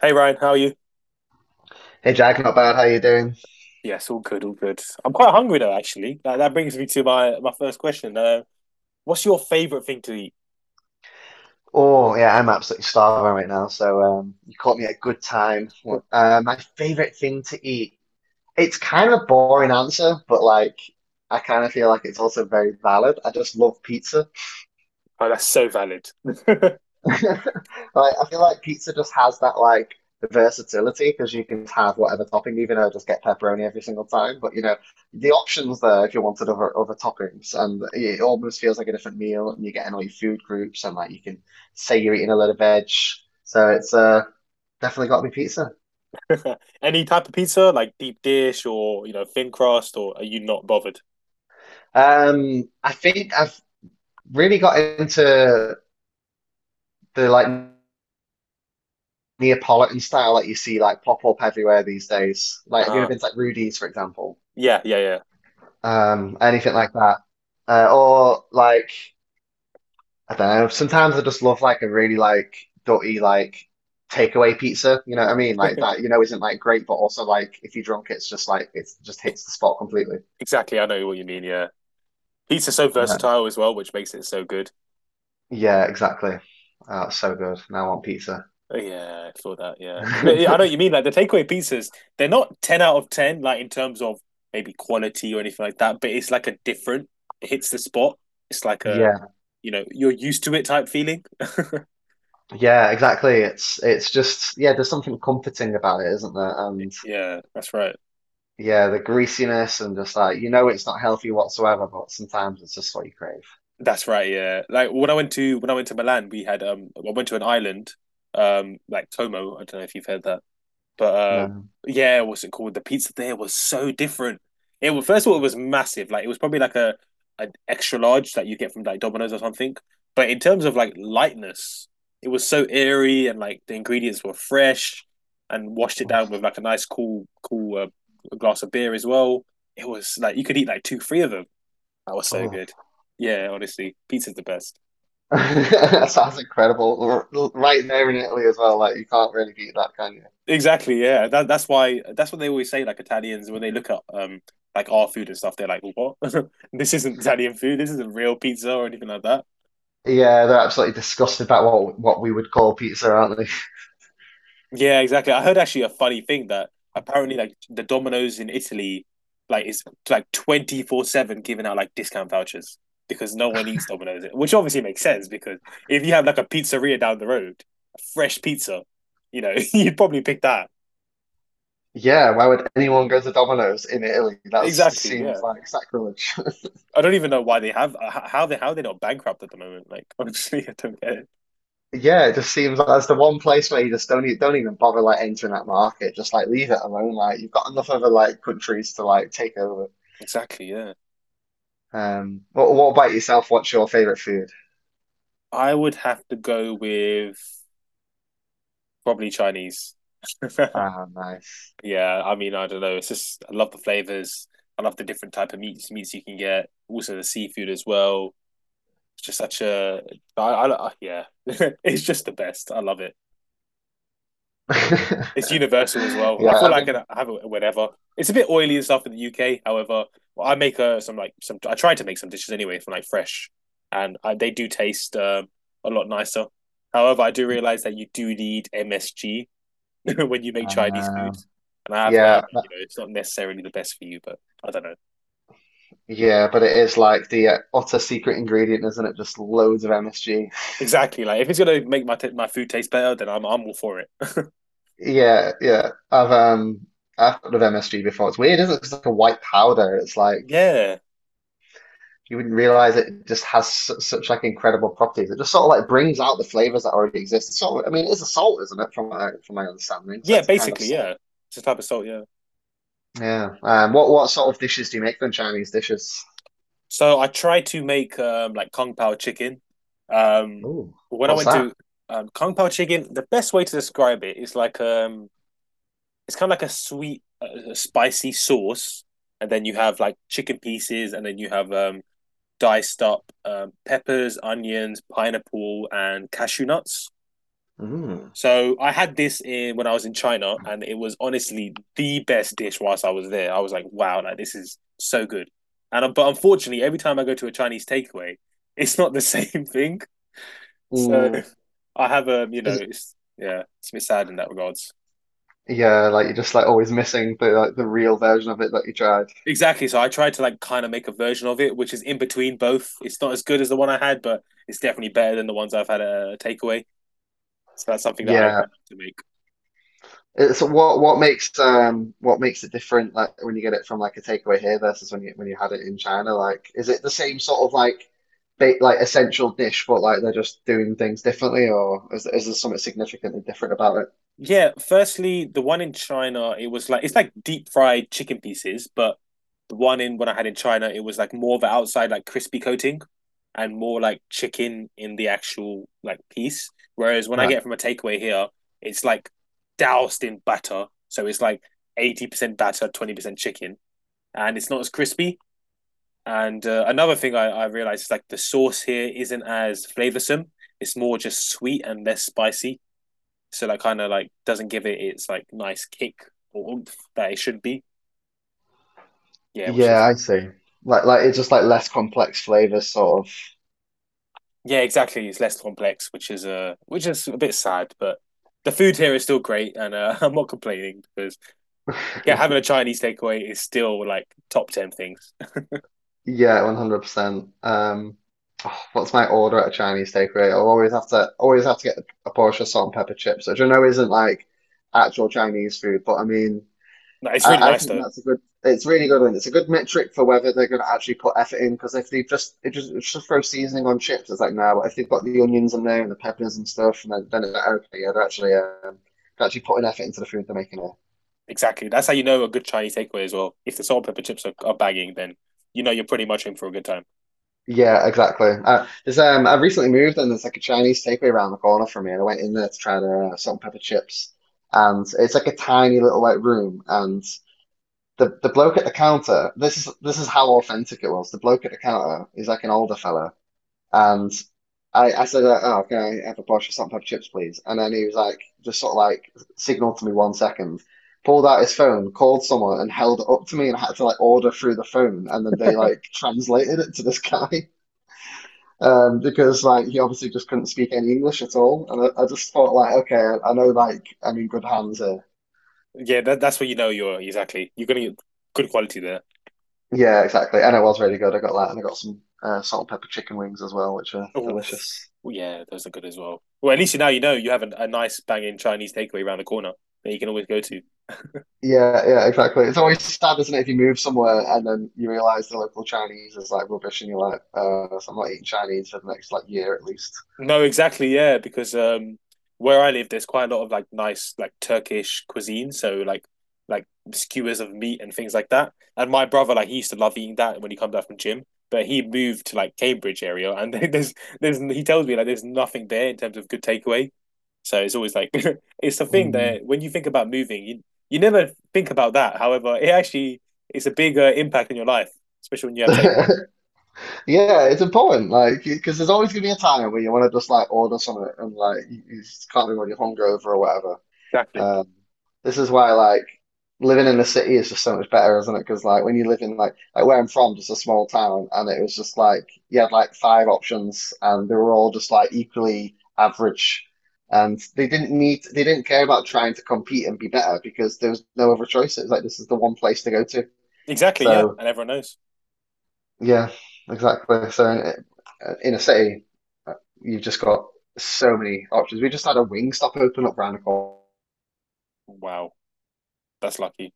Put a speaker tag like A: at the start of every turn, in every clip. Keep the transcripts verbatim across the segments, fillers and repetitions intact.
A: Hey Ryan, how are you?
B: Hey Jack, not bad. How you doing?
A: Yes, all good, all good. I'm quite hungry though, actually. That, that brings me to my my first question. Uh, what's your favorite thing to eat?
B: Oh yeah, I'm absolutely starving right now. So um, you caught me at a good time. What- Uh, my favorite thing to eat. It's kind of a boring answer, but like I kind of feel like it's also very valid. I just love pizza.
A: Oh, that's so valid.
B: Like, I feel like pizza just has that like versatility because you can have whatever topping, even though just get pepperoni every single time. But you know, the options there if you wanted other other toppings, and it almost feels like a different meal, and you're getting all your food groups, and like you can say you're eating a lot of veg. So it's uh, Definitely got to be pizza.
A: Any type of pizza, like deep dish or you know thin crust, or are you not bothered?
B: Um, I think I've really got into the like Neapolitan style that you see like pop up everywhere these days. Like, have you ever
A: Uh,
B: been to like Rudy's, for example?
A: yeah, yeah,
B: Um, anything like that. Uh, or like I don't know. Sometimes I just love like a really like dirty like takeaway pizza. You know what I mean? Like
A: yeah.
B: that. You know, isn't like great, but also like if you're drunk, it's just like it just hits the spot completely.
A: Exactly. I know what you mean. Yeah, pizza's so
B: Uh,
A: versatile as well, which makes it so good.
B: yeah, exactly. Oh, it's so good. Now I want pizza.
A: Oh, yeah, I saw that. Yeah, 'cause I I know what you mean. Like the takeaway pizzas, they're not ten out of ten, like in terms of maybe quality or anything like that. But it's like a different. It hits the spot. It's like a,
B: Yeah,
A: you know, you're used to it type feeling.
B: yeah, exactly. It's it's just yeah. There's something comforting about it, isn't there? And
A: Yeah, that's right.
B: yeah, the greasiness and just like you know, it's not healthy whatsoever, but sometimes it's just what you crave.
A: That's right. Yeah, like when I went to when I went to Milan, we had um, I went to an island, um, like Como. I don't know if you've heard that. But uh,
B: No.
A: yeah, what's it called? The pizza there was so different. It was first of all, it was massive. Like it was probably like a an extra large that you get from like Domino's or something. But in terms of like lightness, it was so airy and like the ingredients were fresh and washed it down with
B: Oh,
A: like a nice cool cool uh, glass of beer as well. It was like you could eat like two, three of them. That was so
B: oh.
A: good. Yeah, honestly, pizza's the best.
B: That sounds incredible. R- r- Right there in Italy as well, like you can't really beat that, can you?
A: Exactly, yeah. That that's why that's what they always say, like Italians, when they look at um like our food and stuff, they're like, "What?" This isn't Italian food, this isn't real pizza or anything like that.
B: Yeah, they're absolutely disgusted about what what we would call pizza, aren't they?
A: Yeah, exactly. I heard actually a funny thing that apparently like the Domino's in Italy like is like twenty four seven giving out like discount vouchers because no one eats Domino's, which obviously makes sense because if you have like a pizzeria down the road, a fresh pizza, you know, you'd probably pick that.
B: Yeah, why would anyone go to Domino's in Italy? That just
A: Exactly,
B: seems
A: yeah.
B: like sacrilege.
A: I don't even know why they have how they how they're not bankrupt at the moment. Like honestly, I don't get it.
B: Yeah, it just seems like that's the one place where you just don't e- don't even bother like entering that market. Just like leave it alone. Like you've got enough other like countries to like take over.
A: Exactly, yeah.
B: Um, what what about yourself? What's your favorite food?
A: I would have to go with probably Chinese.
B: Ah, nice.
A: Yeah, I mean, I don't know. It's just I love the flavors. I love the different type of meats meats you can get. Also the seafood as well. It's just such a I, I, I yeah. It's just the best. I love it. It's universal as well. I
B: Yeah,
A: feel
B: I
A: like
B: mean.
A: I have it whenever. It's a bit oily and stuff in the U K. However, I make uh, some like some. I try to make some dishes anyway from like fresh, and I, they do taste um, a lot nicer. However, I do realize that you do need M S G when you make Chinese
B: Um.
A: foods, and I have heard
B: Yeah,
A: that you
B: but-
A: know it's not necessarily the best for you. But I don't know
B: yeah, but it is like the uh, utter secret ingredient, isn't it? Just loads of M S G.
A: exactly. Like if it's gonna make my t- my food taste better, then I'm I'm all for it.
B: Yeah, yeah. I've um I've heard of M S G before. It's weird, isn't it? It's like a white powder. It's like
A: Yeah,
B: you wouldn't realize it just has su such like incredible properties. It just sort of like brings out the flavors that already exist. It's sort of, I mean, it's a salt, isn't it? From my from my understanding, so
A: yeah.
B: it's a kind of
A: Basically, yeah.
B: salt.
A: It's a type of salt. Yeah.
B: Yeah. Um. What what sort of dishes do you make then? Chinese dishes?
A: So I tried to make um, like Kung Pao chicken. Um,
B: Ooh,
A: when I
B: what's
A: went
B: that?
A: to um, Kung Pao chicken, the best way to describe it is like um, it's kind of like a sweet, uh, spicy sauce, and then you have like chicken pieces, and then you have um, diced up um, peppers, onions, pineapple, and cashew nuts.
B: Mm.
A: So I had this in when I was in China, and it was honestly the best dish whilst I was there. I was like, wow, like this is so good. And but unfortunately, every time I go to a Chinese takeaway, it's not the same thing. So
B: Mm.
A: I have a, you know, it's yeah, it's a bit sad in that regards.
B: Yeah, like you're just like always missing the like the real version of it that you tried.
A: Exactly. So I tried to like kind of make a version of it, which is in between both. It's not as good as the one I had, but it's definitely better than the ones I've had at a takeaway. So that's something that I like
B: Yeah.
A: to make.
B: It's what what makes um what makes it different like when you get it from like a takeaway here versus when you when you had it in China? Like is it the same sort of like ba like essential dish but like they're just doing things differently or is is there something significantly different about it?
A: Yeah, firstly, the one in China, it was like it's like deep fried chicken pieces, but the one in when I had in China, it was like more of an outside like crispy coating and more like chicken in the actual like piece. Whereas when I get
B: Right.
A: it from a takeaway here, it's like doused in batter, so it's like eighty percent batter, twenty percent chicken, and it's not as crispy. And uh, another thing I, I realized is like the sauce here isn't as flavorsome. It's more just sweet and less spicy so that kind of like doesn't give it its like nice kick or oomph that it should be. Yeah, which
B: Yeah,
A: is
B: I see.
A: yeah.
B: Like like it's just like less complex flavors sort of.
A: Yeah, exactly. It's less complex, which is a uh, which is a bit sad, but the food here is still great, and uh, I'm not complaining because yeah, having a Chinese takeaway is still like top ten things.
B: Yeah, one hundred percent. Um, oh, what's my order at a Chinese takeaway? I'll always have to always have to get a portion of salt and pepper chips, which I know isn't like actual Chinese food, but I mean,
A: It's really
B: I, I
A: nice
B: think
A: though.
B: that's a good. It's really good, and it's a good metric for whether they're going to actually put effort in. Because if they just it just it's just throw seasoning on chips, it's like no. But if they've got the onions in there and the peppers and stuff, and then, then it's like, okay, yeah, they're actually um, they're actually putting effort into the food they're making.
A: Exactly, that's how you know a good Chinese takeaway as well. If the salt and pepper chips are, are bagging, then you know you're pretty much in for a good time.
B: Yeah, exactly. Uh, there's um, I recently moved and there's like a Chinese takeaway around the corner from me, and I went in there to try the uh, salt and pepper chips, and it's like a tiny little like room, and the the bloke at the counter. This is this is how authentic it was. The bloke at the counter is like an older fella, and I I said, like, "Oh, can I have a box of salt and pepper chips, please?" And then he was like, just sort of like signaled to me one second, pulled out his phone, called someone, and held it up to me, and I had to like order through the phone, and then they like translated it to this guy um, because like he obviously just couldn't speak any English at all, and I, I just thought like, okay, I, I know like I'm in good hands here.
A: Yeah, that, that's where you know you're exactly. You're gonna get good quality there.
B: Yeah, exactly, and it was really good. I got that, and I got some uh, salt and pepper chicken wings as well, which are
A: Oh,
B: delicious.
A: yeah, those are good as well. Well, at least you now you know you have a, a nice banging Chinese takeaway around the corner that you can always go to.
B: Yeah, yeah, exactly. It's always sad, isn't it, if you move somewhere and then you realize the local Chinese is like rubbish, and you're like, uh, so I'm not eating Chinese for the next like year at least.
A: No, exactly, yeah, because um where I live there's quite a lot of like nice like Turkish cuisine, so like like skewers of meat and things like that. And my brother like he used to love eating that when he comes back from gym, but he moved to like Cambridge area and there's there's he tells me like there's nothing there in terms of good takeaway. So it's always like it's the thing
B: Mm.
A: that when you think about moving, you you never think about that. However, it actually it's a big uh, impact in your life, especially when you have take.
B: Yeah, it's important, like, because there's always gonna be a time where you want to just like order something and like you, you just can't be when you're hungover or whatever.
A: Exactly.
B: Um, this is why like living in the city is just so much better, isn't it? Because like when you live in like like where I'm from, just a small town, and it was just like you had like five options, and they were all just like equally average, and they didn't need they didn't care about trying to compete and be better because there was no other choice. It was like this is the one place to go to.
A: Exactly, yeah,
B: So
A: and everyone knows.
B: yeah, exactly. So in, in a city, uh, you've just got so many options. We just had a wing stop open up round the corner.
A: Wow, that's lucky.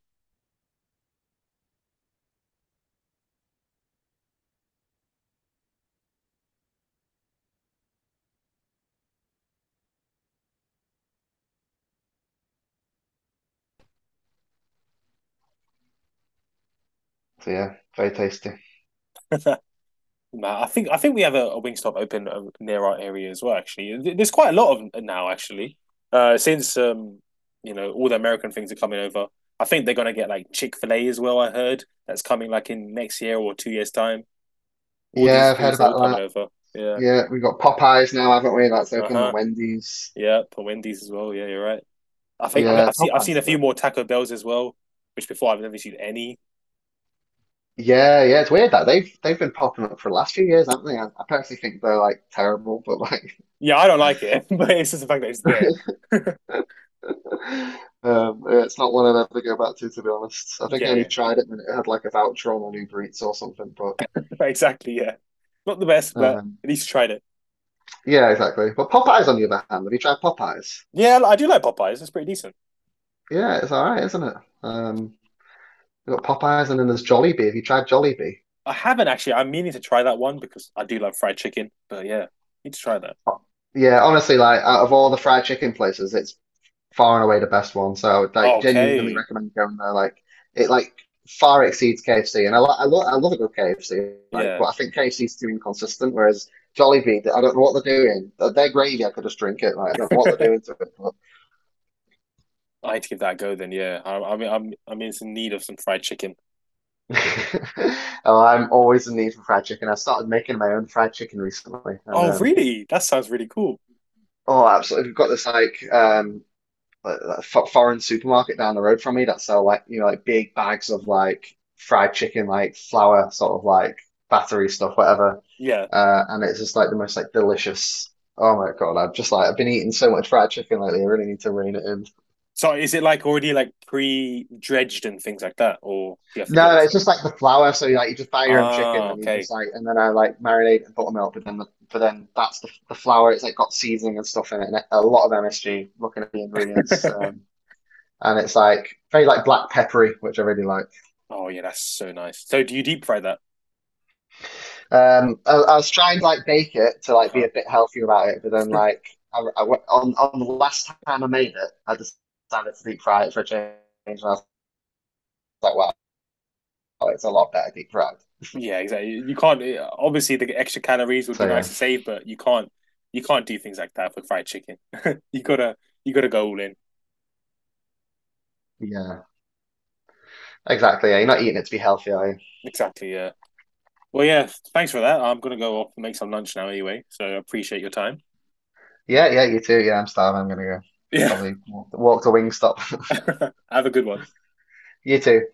B: So yeah, very tasty.
A: Nah, I think I think we have a, a Wingstop open uh, near our area as well. Actually, there's quite a lot of 'em now. Actually, uh, since um, you know, all the American things are coming over. I think they're gonna get like Chick Fil A as well. I heard that's coming like in next year or two years time. All these
B: Yeah, I've heard
A: foods they're all
B: about
A: coming
B: that.
A: over. Yeah.
B: Yeah, we've got Popeyes now, haven't we? That's
A: Uh
B: open and
A: huh.
B: Wendy's.
A: Yeah. For Wendy's as well. Yeah, you're right. I think I've,
B: Yeah,
A: I've seen I've seen
B: Popeyes
A: a few
B: are good.
A: more Taco Bells as well, which before I've never seen any.
B: Yeah, yeah, it's weird that they've they've been popping up for the last few years, haven't they? I, I personally think they're like terrible, but like
A: Yeah, I don't like it, but it's just the fact that it's there.
B: um yeah, it's not one I'd ever go back to to be honest. I think I only
A: Yeah.
B: tried it when it had like a voucher on an Uber Eats or something, but
A: Exactly. Yeah. Not the best, but
B: um
A: at least tried it.
B: yeah, exactly. But Popeyes on the other hand, have you tried Popeyes?
A: Yeah, I do like Popeyes. It's pretty decent.
B: Yeah, it's all right, isn't it? Um we've got Popeyes and then there's Jollibee. Have you tried Jollibee?
A: I haven't actually. I'm meaning to try that one because I do love fried chicken. But yeah, need to try that.
B: Yeah, honestly, like out of all the fried chicken places, it's far and away the best one. So I would like genuinely
A: Okay.
B: recommend going there. Like it like far exceeds K F C, and I lo I, lo I love a good K F C. Like,
A: Yeah.
B: but I think K F C's too inconsistent. Whereas Jollibee, I don't know what they're doing. Their their gravy, I could just drink it. Like, I don't know what they're doing to it. But
A: I need to give that a go then. Yeah. I, I mean, I'm I'm in some need of some fried chicken.
B: oh, I'm always in need for fried chicken. I started making my own fried chicken recently, and
A: Oh,
B: um,
A: really? That sounds really cool.
B: oh, absolutely, we've got this like um. like, like, foreign supermarket down the road from me that sell like you know like big bags of like fried chicken, like flour sort of like battery stuff, whatever.
A: Yeah.
B: Uh, and it's just like the most like delicious. Oh my God, I'm just like I've been eating so much fried chicken lately. I really need to rein it in.
A: So is it like already like pre-dredged and things like that, or do you have to do
B: No,
A: it
B: no, it's
A: yourself?
B: just like the flour. So you like you just buy your own chicken
A: Ah,
B: and you
A: okay.
B: just like and then I like marinate and buttermilk, but then the, but then that's the the flour. It's like got seasoning and stuff in it, and a lot of M S G. Looking at the ingredients, um, and it's like very like black peppery, which I really like.
A: Oh yeah, that's so nice. So do you deep fry that?
B: Um, I, I was trying to like bake it to
A: Uh
B: like be
A: huh.
B: a bit healthier about it, but then like I, I went- on on the last time I made it, I decided to deep fry it for a change, and I was like, wow, it's a lot better deep fried.
A: Yeah, exactly. You can't eh, obviously the extra calories would be
B: So
A: nice
B: yeah,
A: to save, but you can't you can't do things like that for fried chicken. you gotta you gotta go all in.
B: yeah, exactly. Yeah, you're not eating it to be healthy, are you?
A: Exactly. Yeah. Well, yeah. Thanks for that. I'm gonna go off and make some lunch now anyway. So I appreciate your time.
B: Yeah, yeah, you too. Yeah, I'm starving. I'm gonna go
A: Yeah.
B: probably walk, walk to Wingstop.
A: Have a good one.
B: You too.